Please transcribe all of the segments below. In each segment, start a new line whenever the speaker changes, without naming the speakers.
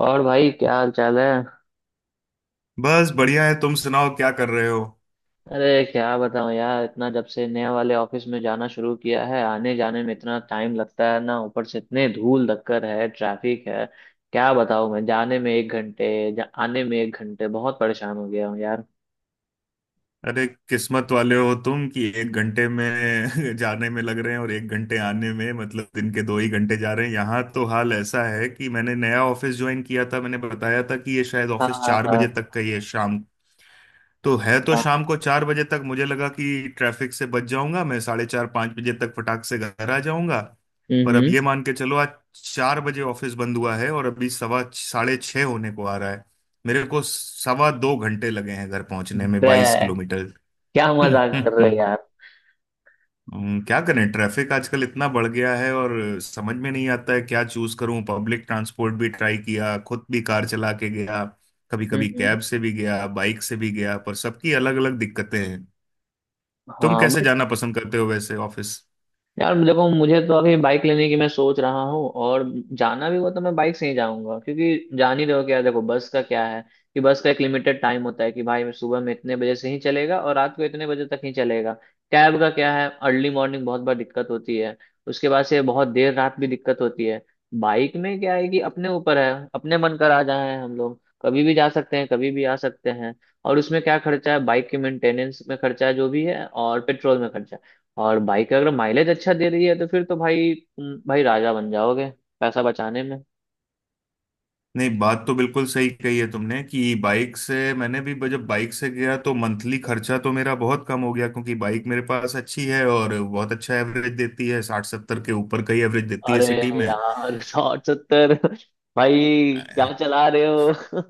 और भाई, क्या हाल चाल है?
बस बढ़िया है। तुम सुनाओ क्या कर रहे हो?
अरे क्या बताऊं यार, इतना जब से नए वाले ऑफिस में जाना शुरू किया है, आने जाने में इतना टाइम लगता है ना। ऊपर से इतने धूल धक्कर है, ट्रैफिक है। क्या बताऊं, मैं जाने में 1 घंटे आने में 1 घंटे। बहुत परेशान हो गया हूँ यार।
अरे, किस्मत वाले हो तुम कि एक घंटे में जाने में लग रहे हैं और एक घंटे आने में, मतलब दिन के दो ही घंटे जा रहे हैं। यहाँ तो हाल ऐसा है कि मैंने नया ऑफिस ज्वाइन किया था। मैंने बताया था कि ये शायद
हाँ
ऑफिस
हाँ
चार बजे
हाँ।
तक का ही है शाम। तो है तो
हाँ।
शाम को चार बजे तक, मुझे लगा कि ट्रैफिक से बच जाऊंगा, मैं साढ़े चार पाँच बजे तक फटाक से घर आ जाऊंगा। पर अब
हम्म।
ये मान के चलो, आज चार बजे ऑफिस बंद हुआ है और अभी सवा साढ़े छः होने को आ रहा है। मेरे को सवा दो घंटे लगे हैं घर पहुंचने में,
बे!
22 किलोमीटर।
क्या मजाक कर रहे हो यार?
क्या करें, ट्रैफिक आजकल इतना बढ़ गया है, और समझ में नहीं आता है क्या चूज करूं। पब्लिक ट्रांसपोर्ट भी ट्राई किया, खुद भी कार चला के गया, कभी कभी
हम्म।
कैब से भी गया, बाइक से भी गया, पर सबकी अलग अलग दिक्कतें हैं। तुम
हाँ।
कैसे जाना पसंद करते हो वैसे ऑफिस?
यार देखो, मुझे तो अभी बाइक लेने की मैं सोच रहा हूँ। और जाना भी हुआ तो मैं बाइक से ही जाऊंगा, क्योंकि जान ही रहे हो क्या। देखो, बस का क्या है कि बस का एक लिमिटेड टाइम होता है कि भाई मैं सुबह में इतने बजे से ही चलेगा और रात को इतने बजे तक ही चलेगा। कैब का क्या है, अर्ली मॉर्निंग बहुत बार दिक्कत होती है, उसके बाद से बहुत देर रात भी दिक्कत होती है। बाइक में क्या है कि अपने ऊपर है, अपने मन कर आ जाए, हम लोग कभी भी जा सकते हैं, कभी भी आ सकते हैं। और उसमें क्या खर्चा है? बाइक के मेंटेनेंस में खर्चा है जो भी है, और पेट्रोल में खर्चा है। और बाइक अगर माइलेज अच्छा दे रही है तो फिर तो भाई, तुम भाई राजा बन जाओगे पैसा बचाने में।
नहीं, बात तो बिल्कुल सही कही है तुमने कि बाइक से मैंने भी जब बाइक से गया तो मंथली खर्चा तो मेरा बहुत कम हो गया, क्योंकि बाइक मेरे पास अच्छी है और बहुत अच्छा एवरेज देती है, साठ सत्तर के ऊपर का ही एवरेज देती है
अरे
सिटी में।
यार! 170? भाई
अ,
क्या चला रहे हो?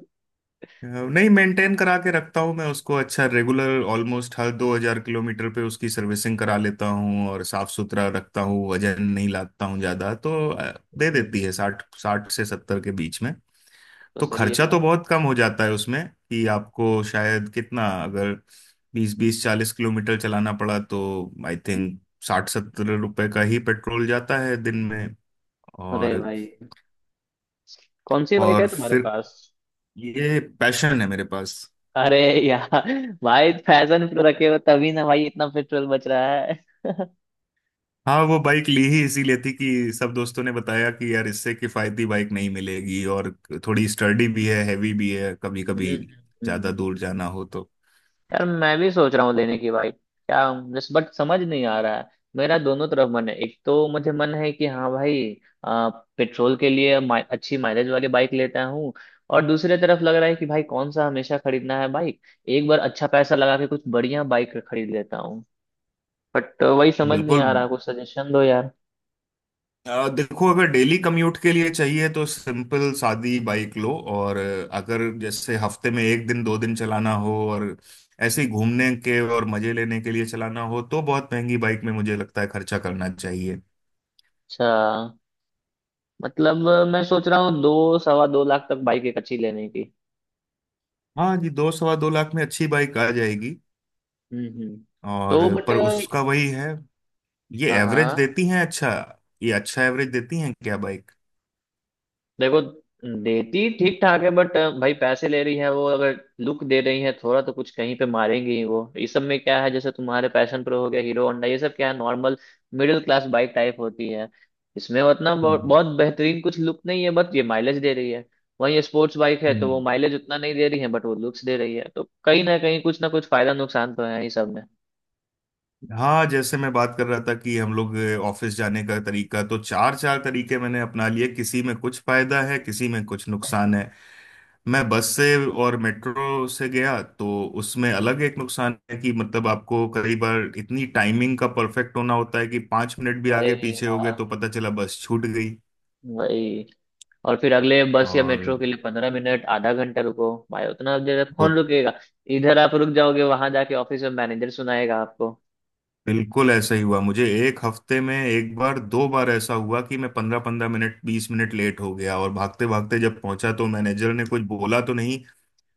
नहीं, मेंटेन करा के रखता हूँ मैं उसको अच्छा, रेगुलर, ऑलमोस्ट हर 2,000 किलोमीटर पे उसकी सर्विसिंग करा लेता हूँ, और साफ सुथरा रखता हूँ, वजन नहीं लाता हूँ ज्यादा, तो दे
हम्म।
देती है साठ, साठ से सत्तर के बीच में।
तो
तो
सही है
खर्चा
यार।
तो बहुत कम हो जाता है उसमें। कि आपको शायद कितना, अगर बीस बीस 40 किलोमीटर चलाना पड़ा तो आई थिंक साठ सत्तर रुपए का ही पेट्रोल जाता है दिन में। और
अरे भाई, कौन सी बाइक है
और
तुम्हारे
फिर
पास?
ये पैशन है मेरे पास।
अरे यार! भाई, फैशन प्रो रखे हो तभी ना भाई, इतना पेट्रोल बच रहा है।
हाँ, वो बाइक ली ही इसीलिए थी कि सब दोस्तों ने बताया कि यार इससे किफायती बाइक नहीं मिलेगी, और थोड़ी स्टर्डी भी है, हैवी भी है कभी कभी ज्यादा
हम्म।
दूर जाना हो तो।
यार मैं भी सोच रहा हूँ लेने की भाई, क्या जस्ट बट समझ नहीं आ रहा है। मेरा दोनों तरफ मन है। एक तो मुझे मन है कि हाँ भाई, आ, पेट्रोल के लिए अच्छी माइलेज वाली बाइक लेता हूँ। और दूसरे तरफ लग रहा है कि भाई कौन सा हमेशा खरीदना है बाइक। एक बार अच्छा पैसा लगा के कुछ बढ़िया बाइक खरीद लेता हूँ। बट वही समझ नहीं
बिल्कुल।
आ रहा, कुछ सजेशन दो यार।
देखो अगर डेली कम्यूट के लिए चाहिए तो सिंपल सादी बाइक लो, और अगर जैसे हफ्ते में एक दिन दो दिन चलाना हो और ऐसे ही घूमने के और मजे लेने के लिए चलाना हो, तो बहुत महंगी बाइक में मुझे लगता है खर्चा करना चाहिए।
अच्छा, मतलब मैं सोच रहा हूँ दो सवा दो लाख तक बाइक एक अच्छी लेने की।
हाँ जी, दो सवा दो लाख में अच्छी बाइक आ जाएगी।
हम्म। तो
और
बट,
पर उसका वही है, ये
हाँ
एवरेज
हाँ।
देती हैं अच्छा? ये अच्छा एवरेज देती हैं क्या बाइक?
देखो, देती ठीक ठाक है बट भाई पैसे ले रही है वो। अगर लुक दे रही है थोड़ा तो कुछ कहीं पे मारेंगे ही वो। इस सब में क्या है? जैसे तुम्हारे पैशन प्रो हो गया, हीरो होंडा, ये सब क्या है, normal middle class bike type होती है। इसमें उतना बहुत
हम्म
बहुत बेहतरीन कुछ लुक नहीं है, बट ये माइलेज दे रही है। वहीं स्पोर्ट्स बाइक है तो वो
हम्म।
माइलेज उतना नहीं दे रही है, बट वो लुक्स दे रही है। तो कहीं ना कहीं कुछ ना कुछ फायदा नुकसान तो है ही सब में।
हाँ, जैसे मैं बात कर रहा था कि हम लोग ऑफिस जाने का तरीका तो चार चार तरीके मैंने अपना लिए, किसी में कुछ फायदा है किसी में कुछ नुकसान है। मैं बस से और मेट्रो से गया तो उसमें अलग एक नुकसान है कि मतलब आपको कई बार इतनी टाइमिंग का परफेक्ट होना होता है कि पांच मिनट भी आगे
वही
पीछे हो गए
यार,
तो पता चला बस छूट गई।
वही। और फिर अगले बस या
और
मेट्रो के लिए 15 मिनट आधा घंटा रुको, भाई उतना देर तक
दो
कौन रुकेगा? इधर आप रुक जाओगे, वहां जाके ऑफिस में मैनेजर सुनाएगा आपको।
बिल्कुल ऐसा ही हुआ मुझे, एक हफ्ते में एक बार दो बार ऐसा हुआ कि मैं पंद्रह पंद्रह मिनट, बीस मिनट लेट हो गया, और भागते भागते जब पहुंचा तो मैनेजर ने कुछ बोला तो नहीं,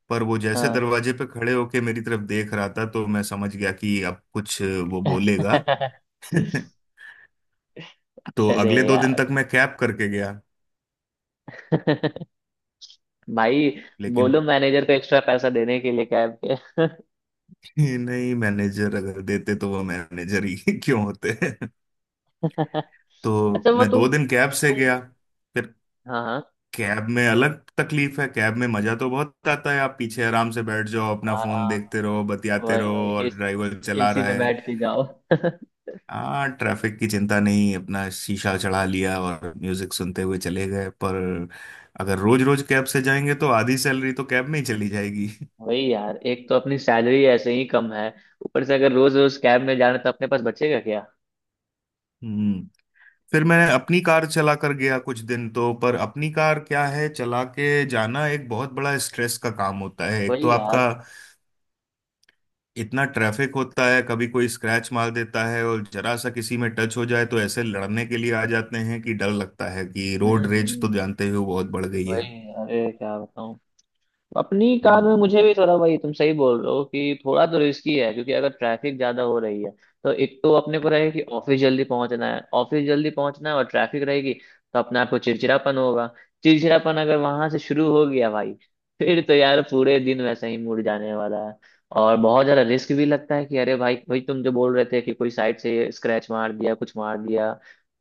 पर वो जैसे
हाँ।
दरवाजे पे खड़े होके मेरी तरफ देख रहा था तो मैं समझ गया कि अब कुछ वो बोलेगा। तो
अरे
अगले दो दिन
यार!
तक मैं कैब करके गया।
भाई,
लेकिन
बोलो मैनेजर को एक्स्ट्रा पैसा देने के लिए कैब के।
नहीं, मैनेजर अगर देते तो वो मैनेजर ही क्यों होते? तो
अच्छा, वो
मैं
तुम
दो दिन कैब से
तुम
गया। फिर
हाँ हाँ।
कैब में अलग तकलीफ है, कैब में मजा तो बहुत आता है, आप पीछे आराम से बैठ जाओ, अपना
हाँ
फोन
हाँ,
देखते रहो, बतियाते
वही
रहो
वही,
और
एसी,
ड्राइवर चला
एसी
रहा
में
है।
बैठ के जाओ।
हाँ, ट्रैफिक की चिंता नहीं, अपना शीशा चढ़ा लिया और म्यूजिक सुनते हुए चले गए। पर अगर रोज रोज कैब से जाएंगे तो आधी सैलरी तो कैब में ही चली जाएगी।
वही यार, एक तो अपनी सैलरी ऐसे ही कम है। ऊपर से अगर रोज रोज कैब में जाना, तो अपने पास बचेगा क्या?
हम्म। फिर मैं अपनी कार चला कर गया कुछ दिन, तो पर अपनी कार क्या है, चला के जाना एक बहुत बड़ा स्ट्रेस का काम होता है। एक तो
वही यार।
आपका इतना ट्रैफिक होता है, कभी कोई स्क्रैच मार देता है और जरा सा किसी में टच हो जाए तो ऐसे लड़ने के लिए आ जाते हैं कि डर लगता है, कि
हम्म
रोड रेज तो
हम्म,
जानते हो बहुत बढ़ गई है।
वही। अरे क्या बताऊं। अपनी कार में
हम्म।
मुझे भी थोड़ा, भाई तुम सही बोल रहे हो कि थोड़ा तो रिस्की है, क्योंकि अगर ट्रैफिक ज्यादा हो रही है तो एक तो अपने को रहेगा कि ऑफिस जल्दी पहुंचना है, ऑफिस जल्दी पहुंचना है, और ट्रैफिक रहेगी, तो अपने आप को चिड़चिड़ापन होगा। चिड़चिड़ापन अगर वहां से शुरू हो गया भाई, फिर तो यार पूरे दिन वैसे ही मुड़ जाने वाला है। और बहुत ज्यादा रिस्क भी लगता है कि अरे भाई भाई, तुम जो बोल रहे थे कि कोई साइड से स्क्रैच मार दिया, कुछ मार दिया।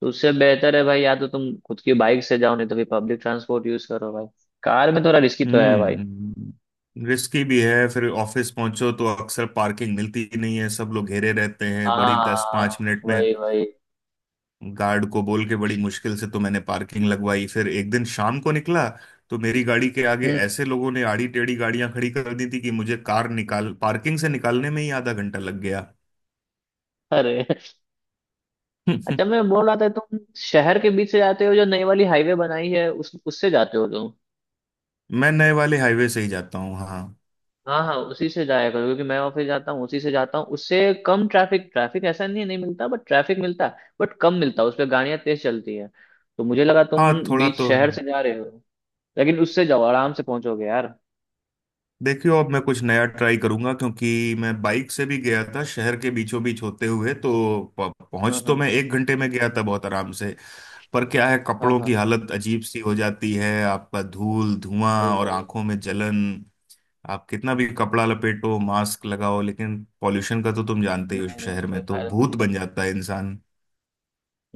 तो उससे बेहतर है भाई, या तो तुम खुद की बाइक से जाओ, नहीं तो फिर पब्लिक ट्रांसपोर्ट यूज करो भाई। कार में थोड़ा रिस्की तो है भाई।
रिस्की भी है। फिर ऑफिस पहुंचो तो अक्सर पार्किंग मिलती ही नहीं है, सब लोग घेरे रहते हैं बड़ी, दस
हाँ,
पांच मिनट में
वही वही।
गार्ड को बोल के बड़ी मुश्किल से तो मैंने पार्किंग लगवाई। फिर एक दिन शाम को निकला तो मेरी गाड़ी के आगे
हम्म।
ऐसे लोगों ने आड़ी टेढ़ी गाड़ियां खड़ी कर दी थी कि मुझे कार निकाल पार्किंग से निकालने में ही आधा घंटा लग गया।
अरे,
हम्म,
अच्छा, मैं बोल रहा था, तुम शहर के बीच से जाते हो, जो नई वाली हाईवे बनाई है, उस उससे जाते हो तुम?
मैं नए वाले हाईवे से ही जाता हूँ, हाँ।
हाँ हाँ, उसी से जाया करो, क्योंकि मैं ऑफिस जाता हूँ उसी से जाता हूँ। उससे कम ट्रैफिक, ट्रैफिक ऐसा नहीं है, नहीं मिलता, बट ट्रैफिक मिलता है बट कम मिलता है। उस पर गाड़ियाँ तेज चलती है। तो मुझे लगा तुम
हाँ, थोड़ा
बीच
तो
शहर से जा रहे हो। लेकिन उससे जाओ, आराम से पहुंचोगे यार।
देखियो। अब मैं कुछ नया ट्राई करूंगा, क्योंकि मैं बाइक से भी गया था शहर के बीचों बीच होते हुए, तो
हाँ
पहुंच तो
हाँ।
मैं एक घंटे में गया था बहुत आराम से। पर क्या है,
हाँ
कपड़ों की
हाँ,
हालत अजीब सी हो जाती है, आपका धूल धुआं
वही
और
वही।
आंखों में जलन। आप कितना भी कपड़ा लपेटो, मास्क लगाओ, लेकिन पॉल्यूशन का तो तुम जानते ही हो,
नहीं नहीं,
शहर
कोई
में तो
फायदा
भूत बन
नहीं।
जाता है इंसान।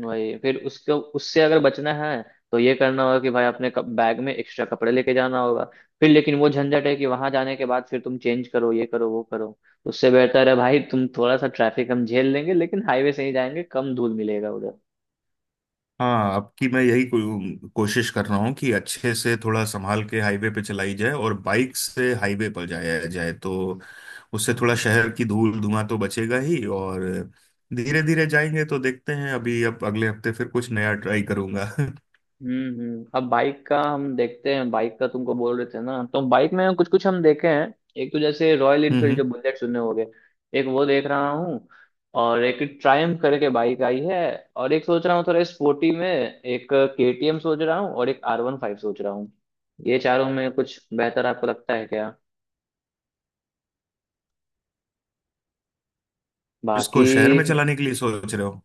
वही, फिर उसको उससे अगर बचना है, तो ये करना होगा कि भाई अपने बैग में एक्स्ट्रा कपड़े लेके जाना होगा। फिर लेकिन वो झंझट है कि वहां जाने के बाद फिर तुम चेंज करो, ये करो वो करो। उससे बेहतर है भाई, तुम थोड़ा सा ट्रैफिक हम झेल लेंगे लेकिन हाईवे से ही जाएंगे। कम धूल मिलेगा उधर।
हाँ, अब की मैं यही कोशिश कर रहा हूँ कि अच्छे से थोड़ा संभाल के हाईवे पे चलाई जाए, और बाइक से हाईवे पर जाया जाए तो उससे थोड़ा शहर की धूल धुआं तो बचेगा ही, और धीरे धीरे जाएंगे तो देखते हैं। अभी, अब, अगले हफ्ते फिर कुछ नया ट्राई करूंगा।
अब बाइक का हम देखते हैं, बाइक का तुमको बोल रहे थे ना। तो बाइक में कुछ कुछ हम देखे हैं। एक तो जैसे रॉयल इनफील्ड, जो
हम्म।
बुलेट सुने होगे। एक वो देख रहा हूँ। और एक ट्रायम्फ करके बाइक आई है। और एक सोच रहा हूँ थोड़ा स्पोर्टी में, एक केटीएम सोच रहा हूँ, और एक R15 सोच रहा हूँ। ये चारों में कुछ बेहतर आपको लगता है क्या?
इसको
बाकी
शहर में चलाने के लिए सोच रहे हो?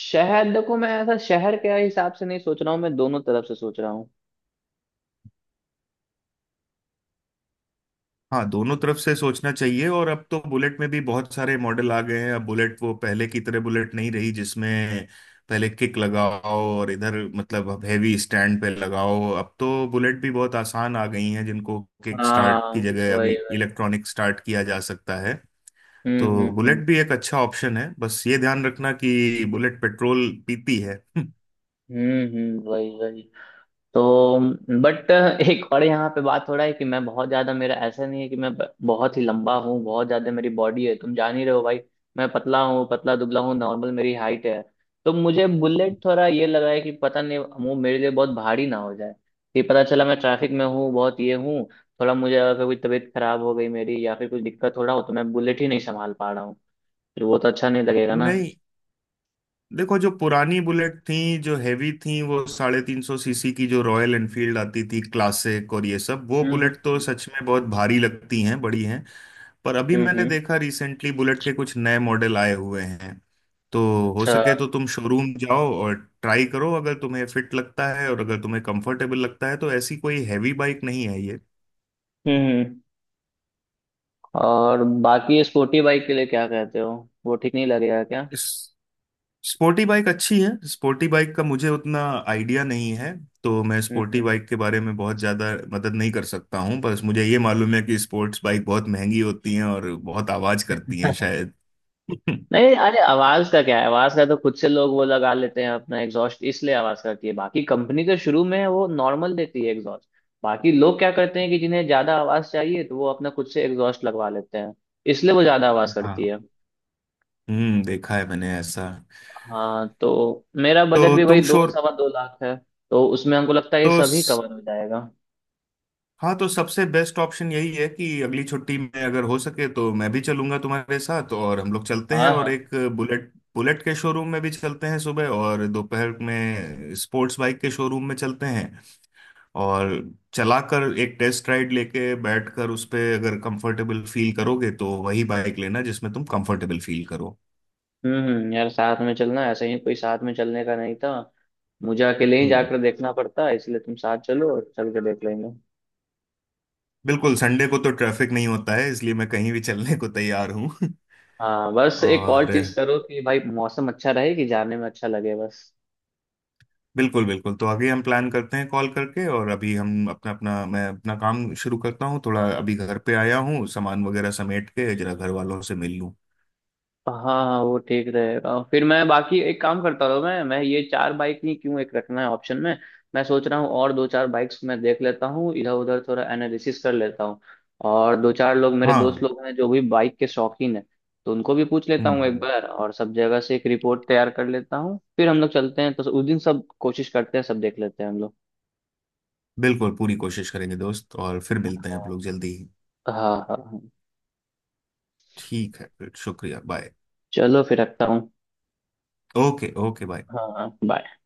शहर, देखो मैं ऐसा शहर के हिसाब से नहीं सोच रहा हूँ, मैं दोनों तरफ से सोच रहा हूँ।
हाँ, दोनों तरफ से सोचना चाहिए, और अब तो बुलेट में भी बहुत सारे मॉडल आ गए हैं। अब बुलेट वो पहले की तरह बुलेट नहीं रही जिसमें पहले किक लगाओ और इधर, मतलब अब हैवी स्टैंड पे लगाओ। अब तो बुलेट भी बहुत आसान आ गई हैं जिनको किक स्टार्ट
हाँ,
की जगह
वही
अभी
वही।
इलेक्ट्रॉनिक स्टार्ट किया जा सकता है। तो बुलेट
हम्म।
भी एक अच्छा ऑप्शन है, बस ये ध्यान रखना कि बुलेट पेट्रोल पीती है।
वही वही। तो बट, एक और यहाँ पे बात हो रहा है कि मैं बहुत ज्यादा, मेरा ऐसा नहीं है कि मैं बहुत ही लंबा हूँ, बहुत ज्यादा मेरी बॉडी है, तुम जान ही रहे हो भाई। मैं पतला हूँ, पतला दुबला हूँ, नॉर्मल मेरी हाइट है। तो मुझे बुलेट थोड़ा ये लगा है कि पता नहीं वो मेरे लिए बहुत भारी ना हो जाए, कि पता चला मैं ट्रैफिक में हूँ, बहुत ये हूँ। थोड़ा मुझे अगर कोई तबीयत खराब हो गई मेरी, या फिर कुछ दिक्कत हो रहा हो, तो मैं बुलेट ही नहीं संभाल पा रहा हूँ, फिर वो तो अच्छा नहीं लगेगा ना।
नहीं देखो, जो पुरानी बुलेट थी जो हैवी थी, वो 350 सीसी की जो रॉयल एनफील्ड आती थी क्लासिक और ये सब, वो
हम्म हम्म
बुलेट तो
हम्म।
सच में बहुत भारी लगती हैं, बड़ी हैं। पर अभी मैंने
हम्म,
देखा, रिसेंटली बुलेट के कुछ नए मॉडल आए हुए हैं, तो हो
अच्छा,
सके तो तुम शोरूम जाओ और ट्राई करो, अगर तुम्हें फिट लगता है और अगर तुम्हें कंफर्टेबल लगता है तो ऐसी कोई हैवी बाइक नहीं है।
हम्म। और बाकी स्पोर्टी बाइक के लिए क्या कहते हो? वो ठीक नहीं लगेगा क्या?
ये स्पोर्टी बाइक अच्छी है, स्पोर्टी बाइक का मुझे उतना आइडिया नहीं है, तो मैं
हम्म
स्पोर्टी
हम्म।
बाइक के बारे में बहुत ज़्यादा मदद नहीं कर सकता हूँ। बस मुझे ये मालूम है कि स्पोर्ट्स बाइक बहुत महंगी होती हैं और बहुत आवाज़ करती हैं शायद।
नहीं, अरे आवाज का क्या है, आवाज का तो खुद से लोग वो लगा लेते हैं अपना एग्जॉस्ट, इसलिए आवाज करती है। बाकी कंपनी तो शुरू में वो नॉर्मल देती है एग्जॉस्ट। बाकी लोग क्या करते हैं कि जिन्हें ज्यादा आवाज चाहिए, तो वो अपना खुद से एग्जॉस्ट लगवा लेते हैं, इसलिए वो ज्यादा आवाज करती
हाँ,
है।
देखा है मैंने ऐसा।
हाँ, तो मेरा बजट
तो
भी वही
तुम
दो
शोर
सवा दो लाख है। तो उसमें हमको लगता है ये
तो
सभी कवर हो जाएगा।
हाँ, तो सबसे बेस्ट ऑप्शन यही है कि अगली छुट्टी में अगर हो सके तो मैं भी चलूंगा तुम्हारे साथ और हम लोग चलते हैं,
हाँ
और
हाँ।
एक बुलेट बुलेट के शोरूम में भी चलते हैं, सुबह और दोपहर में स्पोर्ट्स बाइक के शोरूम में चलते हैं। और चलाकर एक टेस्ट राइड लेके बैठकर उस पे अगर कंफर्टेबल फील करोगे तो वही बाइक लेना जिसमें तुम कंफर्टेबल फील करो।
हम्म। यार साथ में चलना ऐसे ही, कोई साथ में चलने का नहीं था। मुझे अकेले ही
हम्म।
जाकर देखना पड़ता है, इसलिए तुम साथ चलो और चल के देख लेंगे।
बिल्कुल, संडे को तो ट्रैफिक नहीं होता है, इसलिए मैं कहीं भी चलने को तैयार हूँ।
हाँ, बस एक
और
और चीज करो कि भाई मौसम अच्छा रहे, कि जाने में अच्छा लगे बस।
बिल्कुल बिल्कुल, तो आगे हम प्लान करते हैं कॉल करके, और अभी हम अपना अपना मैं अपना काम शुरू करता हूँ। थोड़ा अभी घर पे आया हूँ, सामान वगैरह समेट के जरा घर वालों से मिल लूँ।
हाँ हाँ, वो ठीक रहेगा। फिर मैं बाकी एक काम करता हूँ, मैं ये चार बाइक ही क्यों, एक रखना है ऑप्शन में। मैं सोच रहा हूँ और दो चार बाइक्स मैं देख लेता हूँ इधर उधर, थोड़ा एनालिसिस कर लेता हूँ। और दो चार लोग मेरे दोस्त
हाँ।
लोग हैं जो भी बाइक के शौकीन है, तो उनको भी पूछ लेता
हम्म
हूँ एक
हम्म
बार, और सब जगह से एक रिपोर्ट तैयार कर लेता हूँ। फिर हम लोग चलते हैं तो उस दिन सब कोशिश करते हैं, सब देख लेते हैं हम लोग।
बिल्कुल पूरी कोशिश करेंगे, दोस्त, और फिर मिलते हैं आप लोग जल्दी ही।
हाँ। हाँ हाँ।
ठीक है, फिर शुक्रिया, बाय।
चलो फिर रखता हूँ।
Okay okay, bye.
हाँ, बाय।